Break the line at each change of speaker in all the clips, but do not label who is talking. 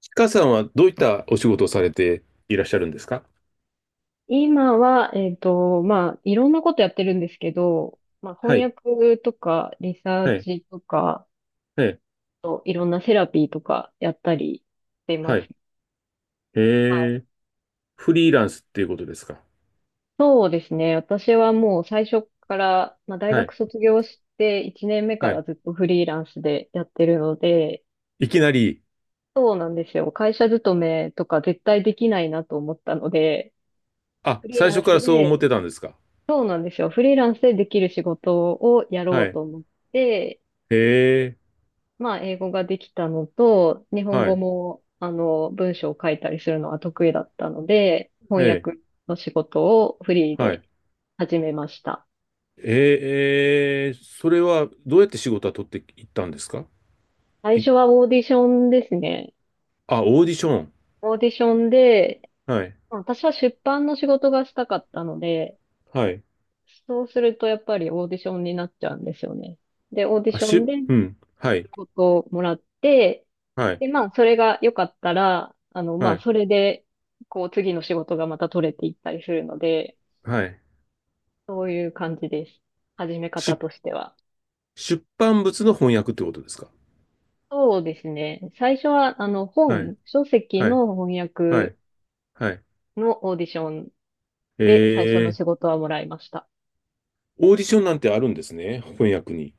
ちかさんはどういったお仕事をされていらっしゃるんですか？
今は、まあ、いろんなことやってるんですけど、まあ、
は
翻
い、
訳とか、リサー
はい、
チとか、
はい、
といろんなセラピーとかやったりしてま
は
す。
い。えー、フリーランスっていうことですか？
そうですね。私はもう最初から、まあ、大
は
学
い、
卒業して1年目か
はい。
らずっとフリーランスでやってるので、
いきなり、
そうなんですよ。会社勤めとか絶対できないなと思ったので、
あ、
フリー
最
ラ
初
ン
か
ス
らそう思っ
で、
てたんですか？
そうなんですよ。フリーランスでできる仕事をやろ
は
う
い。
と思って、
え
まあ、英語ができたのと、日本
は
語
い、
も、文章を書いたりするのは得意だったので、翻
え
訳の仕事をフリー
は
で
い。
始めました。
それはどうやって仕事は取っていったんですか？
最
い、
初はオーディションですね。
あ、オーディション。
オーディションで、
はい、
まあ私は出版の仕事がしたかったので、
はい。
そうするとやっぱりオーディションになっちゃうんですよね。で、オーディションで
う
仕
ん、はい、
事をもらって、
はい、
で、まあ、それが良かったら、ま
は
あ、
い、
それで、次の仕事がまた取れていったりするので、
はい。
そういう感じです。始め方
し、
としては。
出版物の翻訳ってことですか？
そうですね。最初は、
はい、
本、書籍
はい。
の翻
は
訳
いはい。
のオーディション
え
で最初の
ー、
仕事はもらいました。
オーディションなんてあるんですね、翻訳に。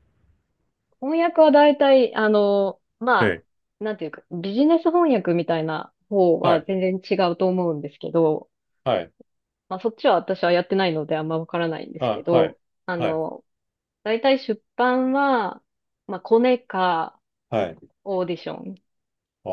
翻訳は大体、ま
え
あ、
え。
なんていうか、ビジネス翻訳みたいな方
は
は
い、
全然違うと思うんですけど、
はい、
まあ、そっちは私はやってないのであんまわからないんです
あ、
け
はい、
ど、あ
はい、
の、大体出版は、まあ、コネか
はい。
オーディション
お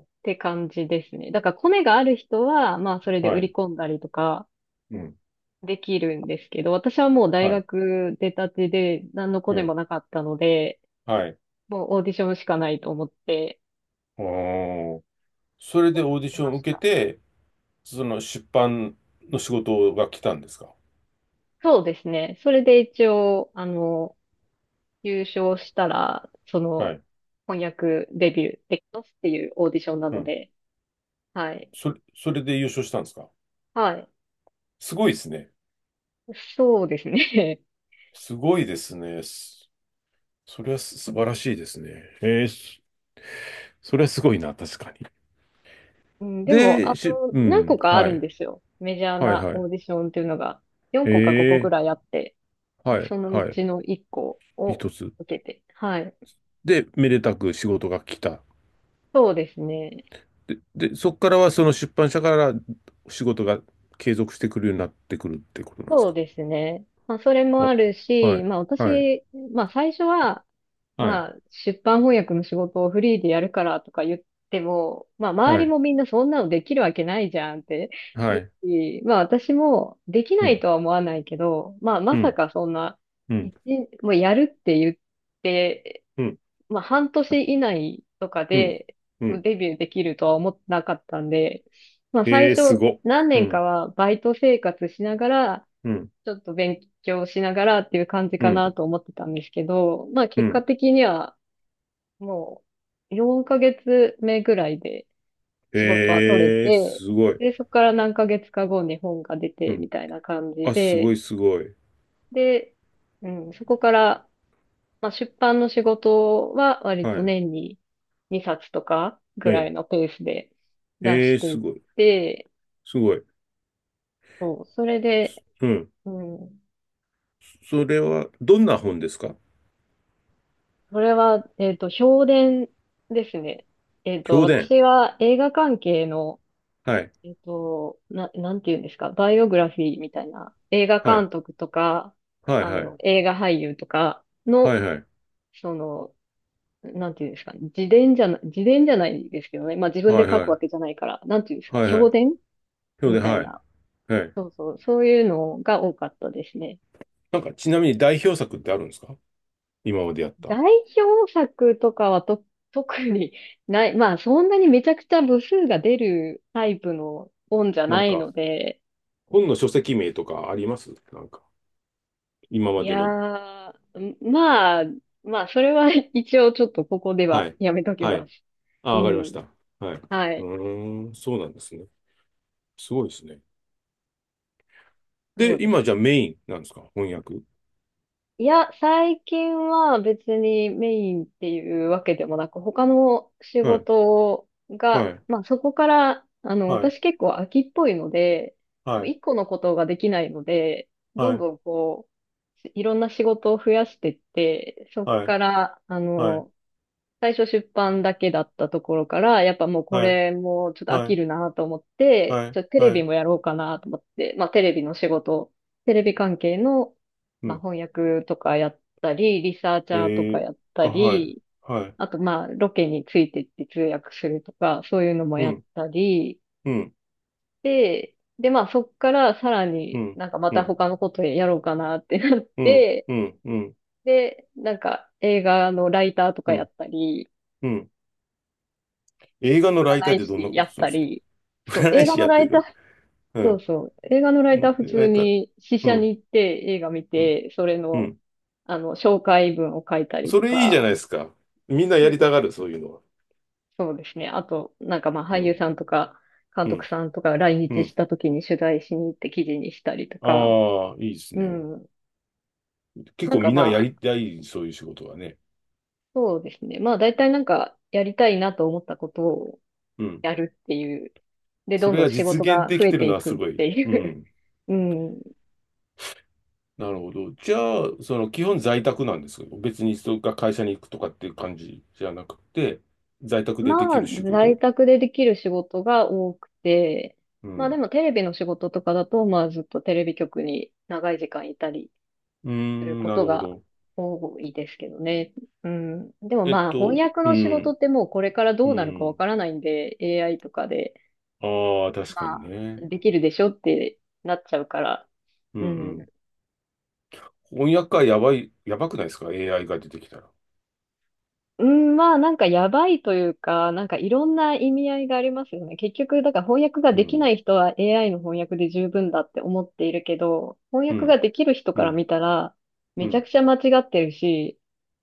っ
ー、
て感じですね。だからコネがある人は、まあそれで
は
売
い、
り込んだりとか
うん、
できるんですけど、私はもう大
はい、
学出たてで何のコ
え
ネ
え、
もなかったので、
はい。
もうオーディションしかないと思って
おー。それでオーディ
し
ショ
ま
ンを
し
受け
た。
て、その出版の仕事が来たんですか？
そうですね。それで一応、優勝したら、
はい、
翻訳デビューできますっていうオーディションな
う
の
ん。
で、はい。
それで優勝したんですか？
はい。
すごいですね。
そうですね。
すごいですね。それは素晴らしいですね。えー、それはすごいな、確かに。
うん、でも、
う
何
ん、
個かあ
は
るん
い、
ですよ。メジャー
はい、
な
はい。
オーディションっていうのが、4
え
個か5個く
え、
らいあって、
はい、
そのう
はい。
ちの1個を
一つ。
受けて。はい。
で、めでたく仕事が来た。
そうですね。
で、で、そこからはその出版社から仕事が継続してくるようになってくるってことなんです
そう
か？
ですね。まあ、それもあ
お、
る
は
し、
い、
まあ、
はい、
私、まあ、最初は、
はい、
まあ、出版翻訳の仕事をフリーでやるからとか言っても、まあ、周
は
り
い、
もみんなそんなのできるわけないじゃんって
は
言
い、
うし、まあ、私もでき
う
ない
ん、
とは思わないけど、まあ、ま
う
さ
ん、
かそんな、
うん、
一もうやるって言って、
うん、
まあ、半年以内とか
うん、
で
うん。
デビューできるとは思ってなかったんで、まあ、最
ええ、す
初
ご。
何
う
年か
ん、
はバイト生活しながら、
うん、
ちょっと勉強しながらっていう感じ
う
かな
ん、
と思ってたんですけど、まあ
う
結果
ん。
的にはもう4ヶ月目ぐらいで仕事は取れ
ええ、
て、
すごい。
で、そこから何ヶ月か後に本が出
う
て
ん。
みたいな感じ
あ、すご
で、
い、すごい。
で、うん、そこから、まあ、出版の仕事は割
は
と
い。
年に2冊とかぐらい
え
のペースで出
え、え
し
え、
てい
す
っ
ごい、
て、
すごい。
そう、それで、
すうん。
うん、
それは、どんな本ですか？
それは、評伝ですね。
評伝。
私は映画関係の
はい。
なんていうんですか、バイオグラフィーみたいな、映画
はい。
監督とか、
はいはい。
映画俳優とか
は
の、
いはい。
その、なんていうんですか、自伝じゃないですけどね、まあ自分
は
で
い
書
は
くわけ
い。
じゃないから、なんていうんですか、
はいは
評
い。
伝
評
み
伝、
たい
はい。
な、
はい。
そうそう、そういうのが多かったですね。
なんか、ちなみに代表作ってあるんですか？今までやった。
代表作とかはと、特にない、まあそんなにめちゃくちゃ部数が出るタイプの本じゃ
なん
ない
か、
ので、
本の書籍名とかありますなんか、今ま
い
での。
やー、まあ、それは 一応ちょっとここで
は
は
い。
やめとき
は
ま
い。
す。
あ、
う
わかりまし
ん。
た。はい。
は
う
い。
ーん、そうなんですね。すごいですね。
そう
で、
で
今じゃ
す。
あメインなんですか翻訳。
いや、最近は別にメインっていうわけでもなく、他の仕
はい。
事
は
が、
い。
まあそこから、
はい。
私結構飽きっぽいので、
は
もう
い。
一個のことができないので、どんどんいろんな仕事を増やしてって、そこ
はい。
から、
はい。
最初出版だけだったところから、やっぱもうこ
はい。
れもちょっと飽
は
き
い。
るなと思って、
はい。
ちょっとテレ
はい。は
ビ
い。
もやろうかなと思って、まあテレビの仕事、テレビ関係の、
う
まあ
ん。
翻訳とかやったり、リサーチャーとか
えー、
やった
あ、はい。
り、
はい。
あとまあロケについてって通訳するとか、そういうのも
う
やっ
ん。
たり、
うん、
でまあそっからさら
う
に
ん、
なんかま
う
た
ん、
他のことやろうかなってなっ
うん、
て、
うん、うん、
で、なんか映画のライターとか
う
や
ん、
ったり、
うん。映画のライタ
占
ーっ
い
てどんな
師
こ
や
と
っ
するん
た
ですか？
り、そう、
占
映
い
画
師
の
やっ
ラ
て
イター、
る。う
そう
ん。
そう、映画のラ
う
イター
ん
普
ラ
通
イター。
に試
う
写に
ん、
行って映画見
うん、
て、それ
う
の、
ん。
紹介文を書いたり
そ
と
れいいじゃな
か、
いですか。みんなや
そ
り
う
たがる、そういうのは。
そうですね。あと、なんかまあ
う
俳優
ん、
さんとか、監
う
督
ん、
さんとか来
う
日し
ん。
た時に取材しに行って記事にしたりとか、
ああ、いいです
う
ね。
ん。
結
なん
構
か
みんなや
まあ、
りたい、そういう仕事はね。
そうですね。まあ大体なんかやりたいなと思ったことを
うん。
やるっていう。で、
そ
どん
れ
どん
が
仕
実
事
現
が
で
増
き
え
てる
て
の
い
は
く
す
っ
ご
て
い。
い
う
う。
ん。
うん。
なるほど。じゃあ、その基本在宅なんですけど、別にそれが会社に行くとかっていう感じじゃなくて、在宅でで
ま
き
あ、
る仕事。
在宅でできる仕事が多くて、
う
まあで
ん。
もテレビの仕事とかだと、まあずっとテレビ局に長い時間いたり
う
する
ん、
こ
な
と
るほ
が
ど。
多いですけどね。うん。でも
えっ
まあ翻
と、
訳
う
の仕事
ん、
ってもうこれからど
う
うなるかわ
ん。
からないんで、AI とかで、
ああ、確か
ま
に
あ
ね。
できるでしょってなっちゃうから、
うん、
う
うん。
ん。
翻訳家やばい、やばくないですか？ AI が出てきたら。
うん、まあなんかやばいというか、なんかいろんな意味合いがありますよね。結局、だから翻訳が
う
できな
ん、
い人は AI の翻訳で十分だって思っているけど、翻
う
訳
ん、
ができる人
う
から
ん、
見たら、
う
めちゃ
ん。
くちゃ間違ってるし、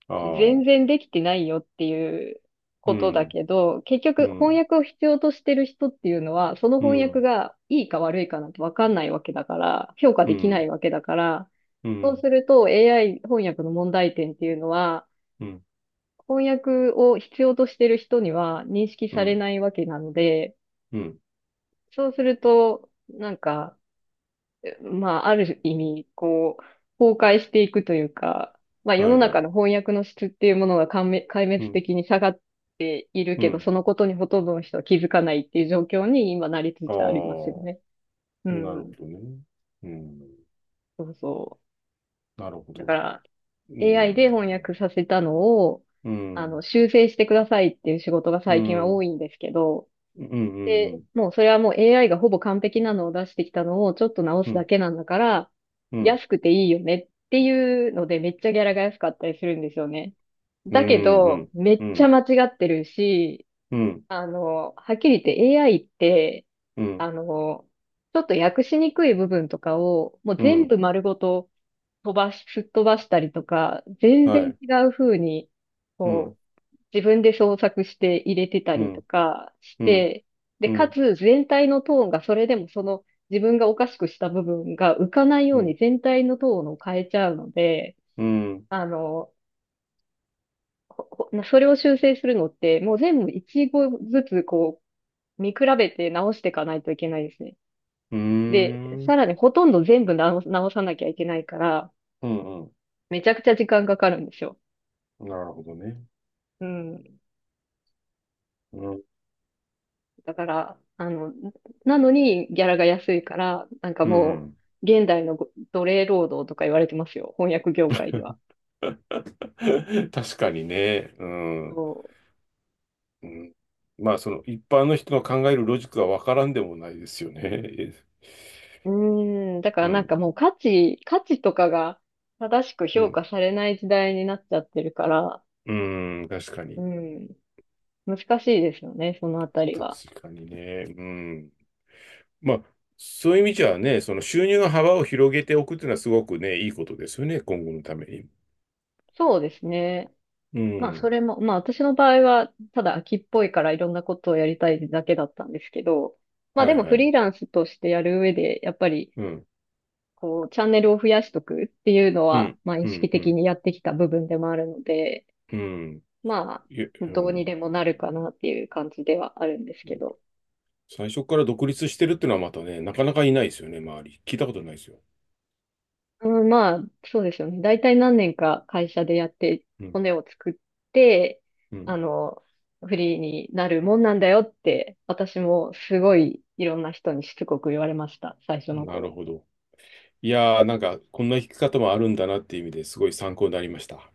あ
全
あ、
然できてないよっていう
う
ことだ
ん、
けど、結
う
局翻
ん、
訳を必要としてる人っていうのは、その
う
翻訳
ん、
がいいか悪いかなんてわかんないわけだから、評価
う
できな
ん、
いわけだから、
うん、う
そう
ん、
すると AI 翻訳の問題点っていうのは、翻訳を必要としてる人には認識
う
され
ん、
ないわけなので、
うん。
そうすると、なんか、まあ、ある意味、崩壊していくというか、まあ、世
は
の
い、は
中
い。
の翻訳の質っていうものが壊滅壊
う
滅
ん、
的に下がっている
う
けど、
ん。
そのことにほとんどの人は気づかないっていう状況に今なりつ
あ
つありますよね。
あ、
う
なるほ
ん。
どね。うん、
そうそ
なるほ
う。だ
ど。
から、
う
AI で
ん、
翻訳させたのを、
うん、
修正してくださいっていう仕事が
う
最近は
ん、う
多
ん、
いんですけど、
うん、う
で、
ん、
もうそれはもう AI がほぼ完璧なのを出してきたのをちょっと直
う
すだ
ん、
けなんだから、
うん、
安くていいよねっていうのでめっちゃギャラが安かったりするんですよね。
う
だけど、
ん、
め
う
っちゃ
ん。
間違ってるし、
うん、
はっきり言って AI って、
うん、
あの、ちょっと訳しにくい部分とかをもう
う
全
ん、
部丸ごと飛ばし、すっ飛ばしたりとか、全
は
然
い。
違う風に、
う
こ
ん、
自分で創作して入れてた
う
りと
ん、
かし
うん、
て、で、
う
か
ん、
つ全体のトーンがそれでもその自分がおかしくした部分が浮かない
う
よう
ん、
に全体のトーンを変えちゃうので、
うん、
あの、ほそれを修正するのってもう全部一語ずつ見比べて直していかないといけないですね。
うー
で、さ
ん、
らにほとんど全部直さなきゃいけないから、
うん、うん
めちゃくちゃ時間かかるんですよ。
なるほどね。
うん。
うん、
だから、なのにギャラが安いから、なんか
う
も
ん。
う、現代のご奴隷労働とか言われてますよ。翻訳業界では。
確かにね。うん、
そ
うん。まあ、その一般の人の考えるロジックはわからんでもないですよね。
う。うーん。だ か
う
らなん
ん、
かもう価値とかが正しく
う
評
ん、
価されない時代になっちゃってるから、
うん、確か
う
に。
ん。難しいですよね、そのあたりは。
確かにね。うん。まあ、そういう意味じゃね、その収入の幅を広げておくっていうのはすごくね、いいことですよね、今後のために。
そうですね。
う
まあそ
ん。
れも、まあ私の場合は、ただ秋っぽいからいろんなことをやりたいだけだったんですけど、まあ
は
で
い
も
は
フリ
い。
ーランスとしてやる上で、やっぱり、
うん。
チャンネルを増やしとくっていうの
う
は、
ん、
まあ、意
う
識
ん、う
的
ん、
にやってきた部分でもあるので、
うん、
まあ、
いえう
どうに
ん。
でもなるかなっていう感じではあるんですけど。
最初から独立してるっていうのはまたね、なかなかいないですよね、周り。聞いたことないですよ。
うん、まあ、そうですよね。大体何年か会社でやって、
うん、
骨を作って、
う
あ
ん。
の、フリーになるもんなんだよって、私もすごいいろんな人にしつこく言われました、最初の
なる
頃。
ほど。いやー、なんか、こんな弾き方もあるんだなっていう意味ですごい参考になりました。